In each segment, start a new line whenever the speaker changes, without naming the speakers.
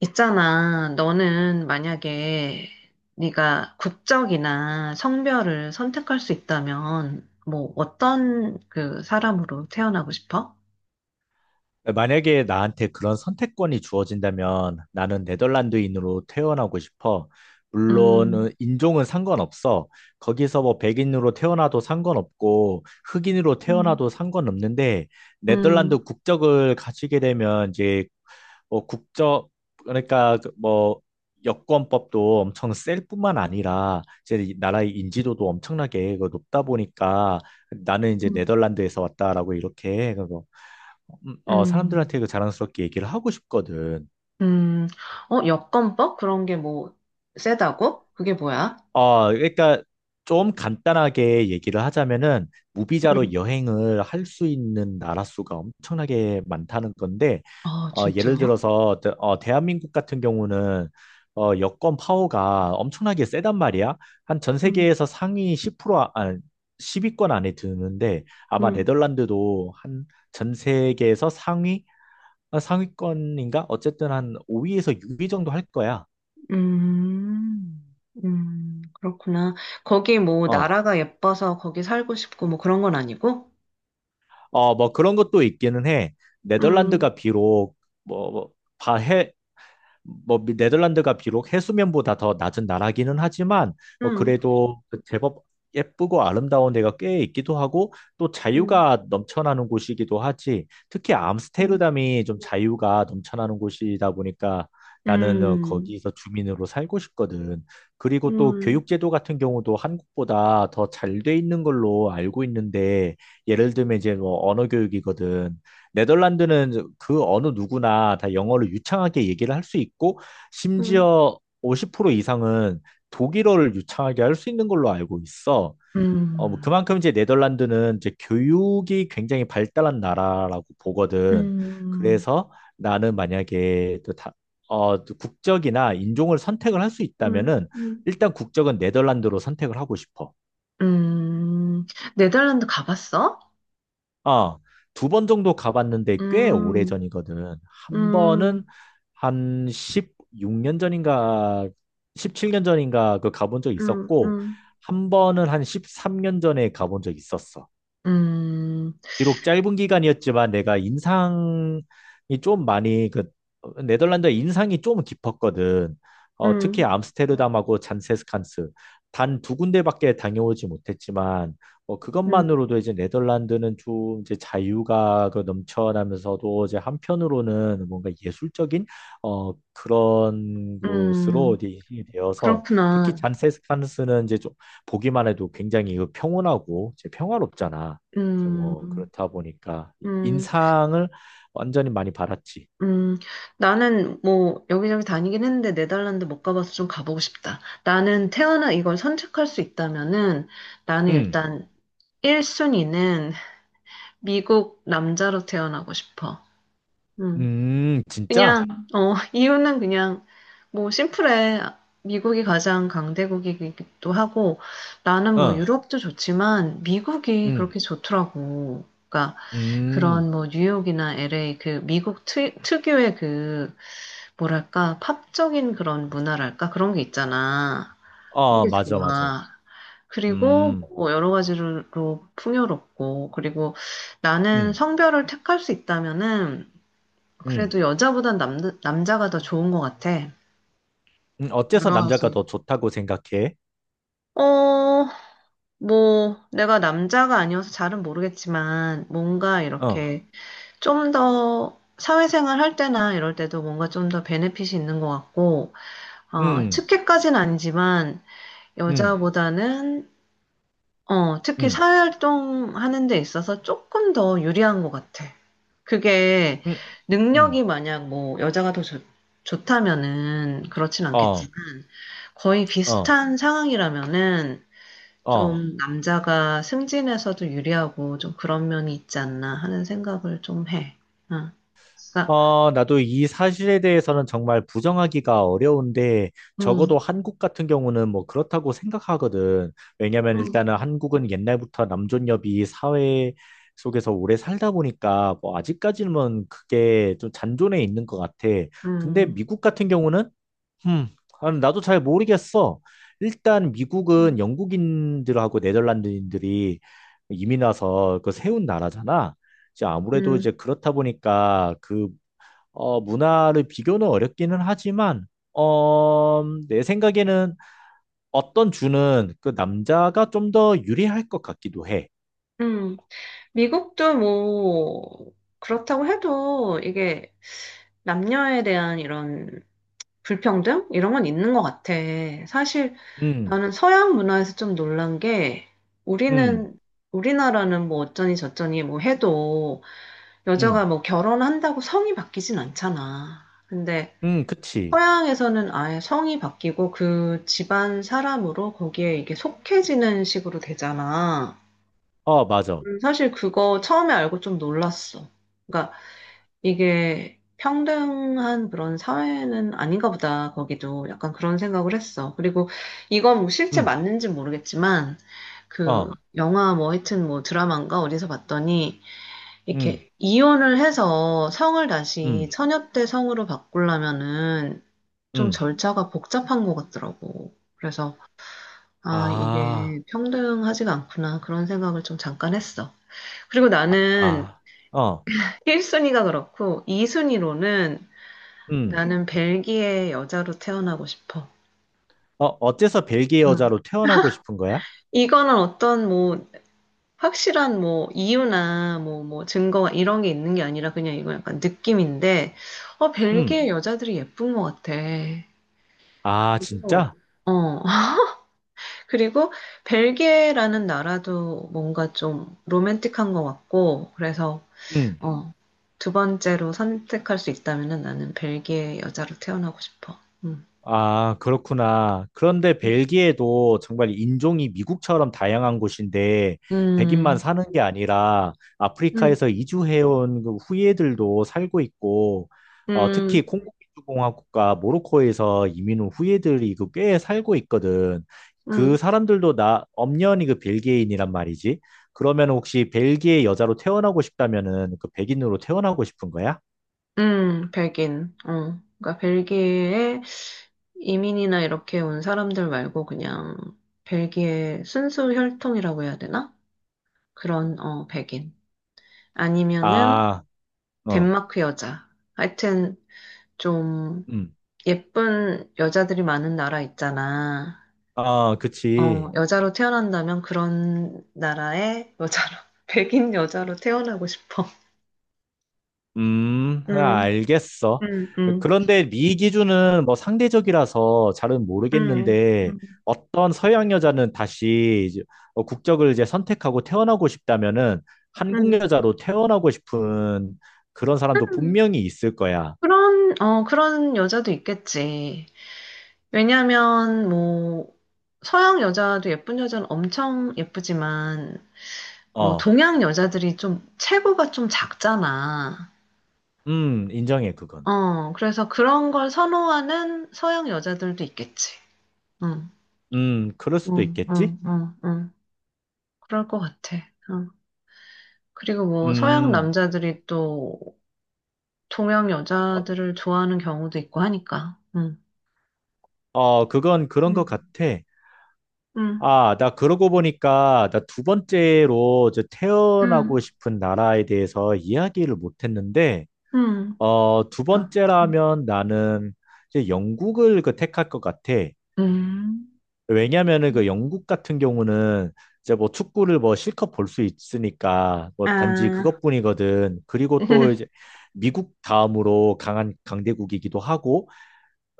있잖아. 너는 만약에 네가 국적이나 성별을 선택할 수 있다면 뭐 어떤 그 사람으로 태어나고 싶어?
만약에 나한테 그런 선택권이 주어진다면 나는 네덜란드인으로 태어나고 싶어. 물론
음,
인종은 상관없어. 거기서 뭐 백인으로 태어나도 상관없고 흑인으로
음,
태어나도 상관없는데
음,
네덜란드 국적을 가지게 되면 이제 뭐 국적 그러니까 그뭐 여권법도 엄청 셀 뿐만 아니라 이제 이 나라의 인지도도 엄청나게 그 높다 보니까 나는 이제
음.
네덜란드에서 왔다라고 이렇게
음,
사람들한테 그 자랑스럽게 얘기를 하고 싶거든.
음. 어, 여권법? 그런 게 뭐 세다고? 그게 뭐야?
그러니까 좀 간단하게 얘기를 하자면은
음,
무비자로 여행을 할 수 있는 나라 수가 엄청나게 많다는 건데,
아, 진짜?
예를 들어서 대한민국 같은 경우는 여권 파워가 엄청나게 세단 말이야. 한 전
음,
세계에서 상위 10% 아십 위권 안에 드는데 아마
음.
네덜란드도 한 전 세계에서 상위 상위권인가? 어쨌든 한 5위에서 6위 정도 할 거야.
음, 그렇구나. 거기 뭐
어,
나라가 예뻐서 거기 살고 싶고 뭐 그런 건 아니고?
뭐 그런 것도 있기는 해.
음.
네덜란드가 비록 뭐, 뭐, 뭐 네덜란드가 비록 해수면보다 더 낮은 나라기는 하지만 뭐
응,
그래도 그 제법 예쁘고 아름다운 데가 꽤 있기도 하고 또
응,
자유가 넘쳐나는 곳이기도 하지. 특히
응,
암스테르담이 좀 자유가 넘쳐나는 곳이다 보니까 나는
음,
거기서 주민으로 살고 싶거든. 그리고 또
음,
교육제도 같은 경우도 한국보다 더 잘 돼 있는 걸로 알고 있는데 예를 들면 이제 뭐 언어 교육이거든. 네덜란드는 그 어느 누구나 다 영어를 유창하게 얘기를 할 수 있고,
음,
심지어 50% 이상은 독일어를 유창하게 할 수 있는 걸로 알고 있어. 뭐
음,
그만큼 이제 네덜란드는 이제 교육이 굉장히 발달한 나라라고 보거든.
음,
그래서 나는 만약에 또 국적이나 인종을 선택을 할 수
음,
있다면은
음.
일단 국적은 네덜란드로 선택을 하고 싶어.
음. 네덜란드 가봤어?
아, 두 번 정도 가봤는데 꽤
음,
오래전이거든. 한 번은
음,
한 16년 전인가 17년 전인가 그 가본 적
음,
있었고
음,
한 번은 한 13년 전에 가본 적 있었어.
음,
비록 짧은 기간이었지만 내가 인상이 좀 많이 그 네덜란드의 인상이 좀 깊었거든. 특히
음,
암스테르담하고 잔세스칸스 단 두 군데밖에 다녀오지 못했지만
음,
그것만으로도 이제 네덜란드는 좀 이제 자유가 그 넘쳐나면서도 이제 한편으로는 뭔가 예술적인 그런 곳으로
음,
이제 되어서 특히
그렇구나.
잔세스칸스는 이제 좀 보기만 해도 굉장히 그 평온하고 이제 평화롭잖아. 이제 뭐
음,
그렇다 보니까
음,
인상을 완전히 많이 받았지.
음. 나는 뭐 여기저기 다니긴 했는데 네덜란드 못 가봐서 좀 가보고 싶다. 나는 태어나 이걸 선택할 수 있다면은 나는
응,
일단 1순위는 미국 남자로 태어나고 싶어. 음.
진짜?
그냥, 어, 이유는 그냥, 뭐, 심플해. 미국이 가장 강대국이기도 하고, 나는 뭐,
어,
유럽도 좋지만, 미국이
응,
그렇게 좋더라고. 그러니까,
음,
그런 뭐, 뉴욕이나 LA, 그, 미국 특유의 그, 뭐랄까, 팝적인 그런 문화랄까? 그런 게 있잖아. 그런
어,
게
맞아, 맞아.
좋아. 그리고
음,
뭐 여러 가지로 풍요롭고, 그리고 나는
음,
성별을 택할 수 있다면은,
음,
그래도 여자보단 남자가 더 좋은 것 같아.
어째서
여러
남자가
가지.
더 좋다고 생각해?
어, 뭐, 내가 남자가 아니어서 잘은 모르겠지만, 뭔가
어,
이렇게 좀 더 사회생활 할 때나 이럴 때도 뭔가 좀 더 베네핏이 있는 것 같고, 어,
음,
특혜까지는 아니지만,
음,
여자보다는 어, 특히
음,
사회활동하는 데 있어서 조금 더 유리한 것 같아. 그게
음,
능력이
음,
만약 뭐 여자가 더 좋다면은 그렇진 않겠지만
어,
거의
어,
비슷한 상황이라면은
어,
좀 남자가 승진에서도 유리하고 좀 그런 면이 있지 않나 하는 생각을 좀 해. 응. 그러니까,
나도 이 사실에 대해서는 정말 부정하기가 어려운데, 적어도
음,
한국 같은 경우는 뭐 그렇다고 생각하거든. 왜냐면
음,
일단은 한국은 옛날부터 남존여비 사회 속에서 오래 살다 보니까, 뭐 아직까지는 그게 좀 잔존해 있는 것 같아. 근데
음,
미국 같은 경우는, 음, 아, 나도 잘 모르겠어. 일단 미국은
음,
영국인들하고 네덜란드인들이 이민 와서 그 세운 나라잖아. 이제 아무래도
음,
이제 그렇다 보니까 그 문화를 비교는 어렵기는 하지만, 어, 내 생각에는 어떤 주는 그 남자가 좀 더 유리할 것 같기도 해.
음. 미국도 뭐, 그렇다고 해도 이게 남녀에 대한 이런 불평등? 이런 건 있는 것 같아. 사실
음,
나는 서양 문화에서 좀 놀란 게
음,
우리는, 우리나라는 뭐 어쩌니 저쩌니 뭐 해도 여자가
음,
뭐 결혼한다고 성이 바뀌진 않잖아. 근데
그치.
서양에서는 아예 성이 바뀌고 그 집안 사람으로 거기에 이게 속해지는 식으로 되잖아.
어, 맞아.
사실 그거 처음에 알고 좀 놀랐어. 그러니까 이게 평등한 그런 사회는 아닌가 보다. 거기도 약간 그런 생각을 했어. 그리고 이건 뭐 실제
음,
맞는지 모르겠지만 그
어,
영화 뭐 하여튼 뭐 드라마인가 어디서 봤더니
음,
이렇게 이혼을 해서 성을 다시
음,
처녀 때 성으로 바꾸려면은 좀
음.
절차가 복잡한 것 같더라고. 그래서 아,
아,
이게 평등하지가 않구나. 그런 생각을 좀 잠깐 했어. 그리고
아,
나는
아, 어,
1순위가 그렇고 2순위로는
음.
나는 벨기에 여자로 태어나고 싶어.
어째서 벨기에
음.
여자로 태어나고 싶은 거야?
이거는 어떤 뭐 확실한 뭐 이유나 뭐 뭐 증거 이런 게 있는 게 아니라 그냥 이건 약간 느낌인데 어
음.
벨기에 여자들이 예쁜 것 같아.
아,
그리고
진짜?
어 그리고 벨기에라는 나라도 뭔가 좀 로맨틱한 것 같고 그래서
음.
어 두 번째로 선택할 수 있다면은 나는 벨기에 여자로 태어나고 싶어. 음.
아, 그렇구나. 그런데 벨기에도 정말 인종이 미국처럼 다양한 곳인데 백인만
음,
사는 게 아니라
음,
아프리카에서 이주해온 그 후예들도 살고 있고 특히
음,
콩고민주공화국과 모로코에서 이민 온 후예들이 그 꽤 살고 있거든. 그
음,
사람들도 나 엄연히 그 벨기에인이란 말이지. 그러면 혹시 벨기에 여자로 태어나고 싶다면은 그 백인으로 태어나고 싶은 거야?
백인. 어. 그러니까 벨기에에 이민이나 이렇게 온 사람들 말고 그냥 벨기에 순수 혈통이라고 해야 되나? 그런, 어, 백인. 아니면은
아, 어,
덴마크 여자. 하여튼 좀
음,
예쁜 여자들이 많은 나라 있잖아.
아,
어,
그치.
여자로 태어난다면 그런 나라의 여자로, 백인 여자로 태어나고 싶어.
아,
음,
알겠어.
음, 음.
그런데 네 기준은 뭐 상대적이라서 잘은
음,
모르겠는데
음.
어떤 서양 여자는 다시 이제 국적을 이제 선택하고 태어나고 싶다면은 한국
음.
여자로 태어나고 싶은 그런 사람도 분명히 있을 거야.
그런, 어, 그런 여자도 있겠지. 왜냐면, 뭐, 서양 여자도 예쁜 여자는 엄청 예쁘지만, 뭐,
어,
동양 여자들이 좀, 체구가 좀 작잖아.
인정해, 그건.
어, 그래서 그런 걸 선호하는 서양 여자들도 있겠지. 응,
그럴 수도
응,
있겠지?
응, 응, 응. 그럴 것 같아. 응. 그리고 뭐, 서양
음,
남자들이 또, 동양
어,
여자들을 좋아하는 경우도 있고 하니까. 응,
그건 그런 것
응,
같아.
응.
아, 나 그러고 보니까 나 두 번째로 저
응,
태어나고 싶은 나라에 대해서 이야기를 못 했는데,
응,
두
어,
번째라면 나는 이제 영국을 그 택할 것 같아.
응,
왜냐면은 그 영국 같은 경우는 이제 뭐 축구를 뭐 실컷 볼 수 있으니까 뭐 단지
아,
그것뿐이거든. 그리고 또 이제 미국 다음으로 강한 강대국이기도 하고,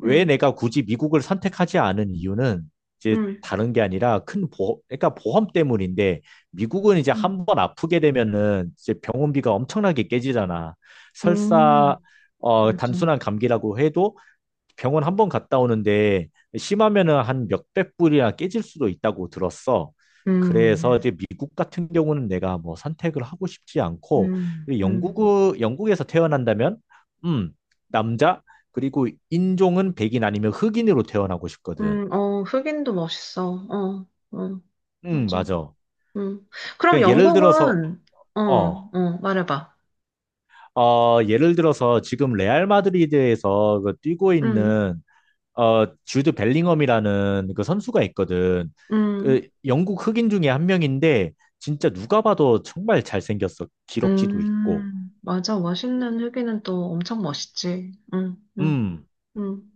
왜
응,
내가 굳이 미국을 선택하지 않은 이유는 이제
응,
다른 게 아니라 큰 보험, 그러니까 보험 때문인데 미국은 이제
응.
한번 아프게 되면은 이제 병원비가 엄청나게 깨지잖아. 설사
음, 맞아.
단순한 감기라고 해도 병원 한 번 갔다 오는데 심하면은 한 몇백 불이나 깨질 수도 있다고 들었어. 그래서
음,
이제 미국 같은 경우는 내가 뭐 선택을 하고 싶지 않고
음, 음,
영국 영국에서 태어난다면 음 남자 그리고 인종은 백인 아니면 흑인으로 태어나고 싶거든.
어, 흑인도 멋있어. 어, 어, 맞아.
맞아.
음. 그럼
그 예를 들어서
영국은, 어,
어,
어, 말해봐.
예를 들어서 지금 레알 마드리드에서 그 뛰고
응,
있는 주드 벨링엄이라는 그 선수가 있거든.
응.
그 영국 흑인 중에 한 명인데 진짜 누가 봐도 정말 잘생겼어. 기럭지도 있고.
맞아. 멋있는 흑인은 또 엄청 멋있지.
음,
음.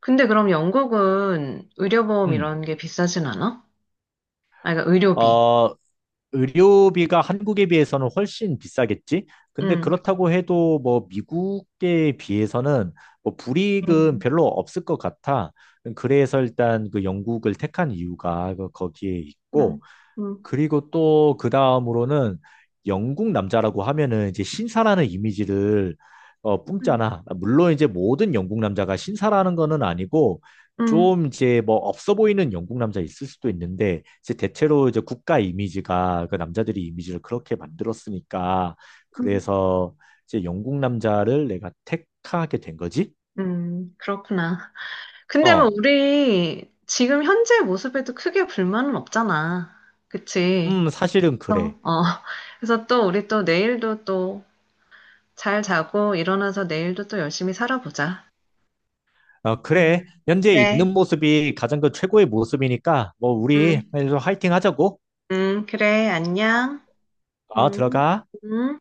근데 그럼 영국은 의료보험
음.
이런 게 비싸진 않아? 아, 그러니까 의료비.
어, 의료비가 한국에 비해서는 훨씬 비싸겠지? 근데
응,
그렇다고 해도 뭐 미국에 비해서는 뭐 불이익은
음,
별로 없을 것 같아. 그래서 일단 그 영국을 택한 이유가 그 거기에
응,
있고
응,
그리고 또 그 다음으로는 영국 남자라고 하면은 이제 신사라는 이미지를
응,
뿜잖아. 물론 이제 모든 영국 남자가 신사라는 거는 아니고
응, 응,
좀 이제 뭐 없어 보이는 영국 남자 있을 수도 있는데 이제 대체로 이제 국가 이미지가 그 남자들이 이미지를 그렇게 만들었으니까
응.
그래서 이제 영국 남자를 내가 택하게 된 거지?
응. 그렇구나. 근데 뭐
어,
우리 지금 현재 모습에도 크게 불만은 없잖아. 그치?
사실은
어,
그래.
어, 그래서 또 우리 또 내일도 또 잘 자고 일어나서 내일도 또 열심히 살아보자.
어,
음.
그래. 현재
그래.
있는 모습이 가장 그 최고의 모습이니까, 뭐, 우리
응,
화이팅 하자고.
응, 그래, 안녕. 응,
들어가.
응.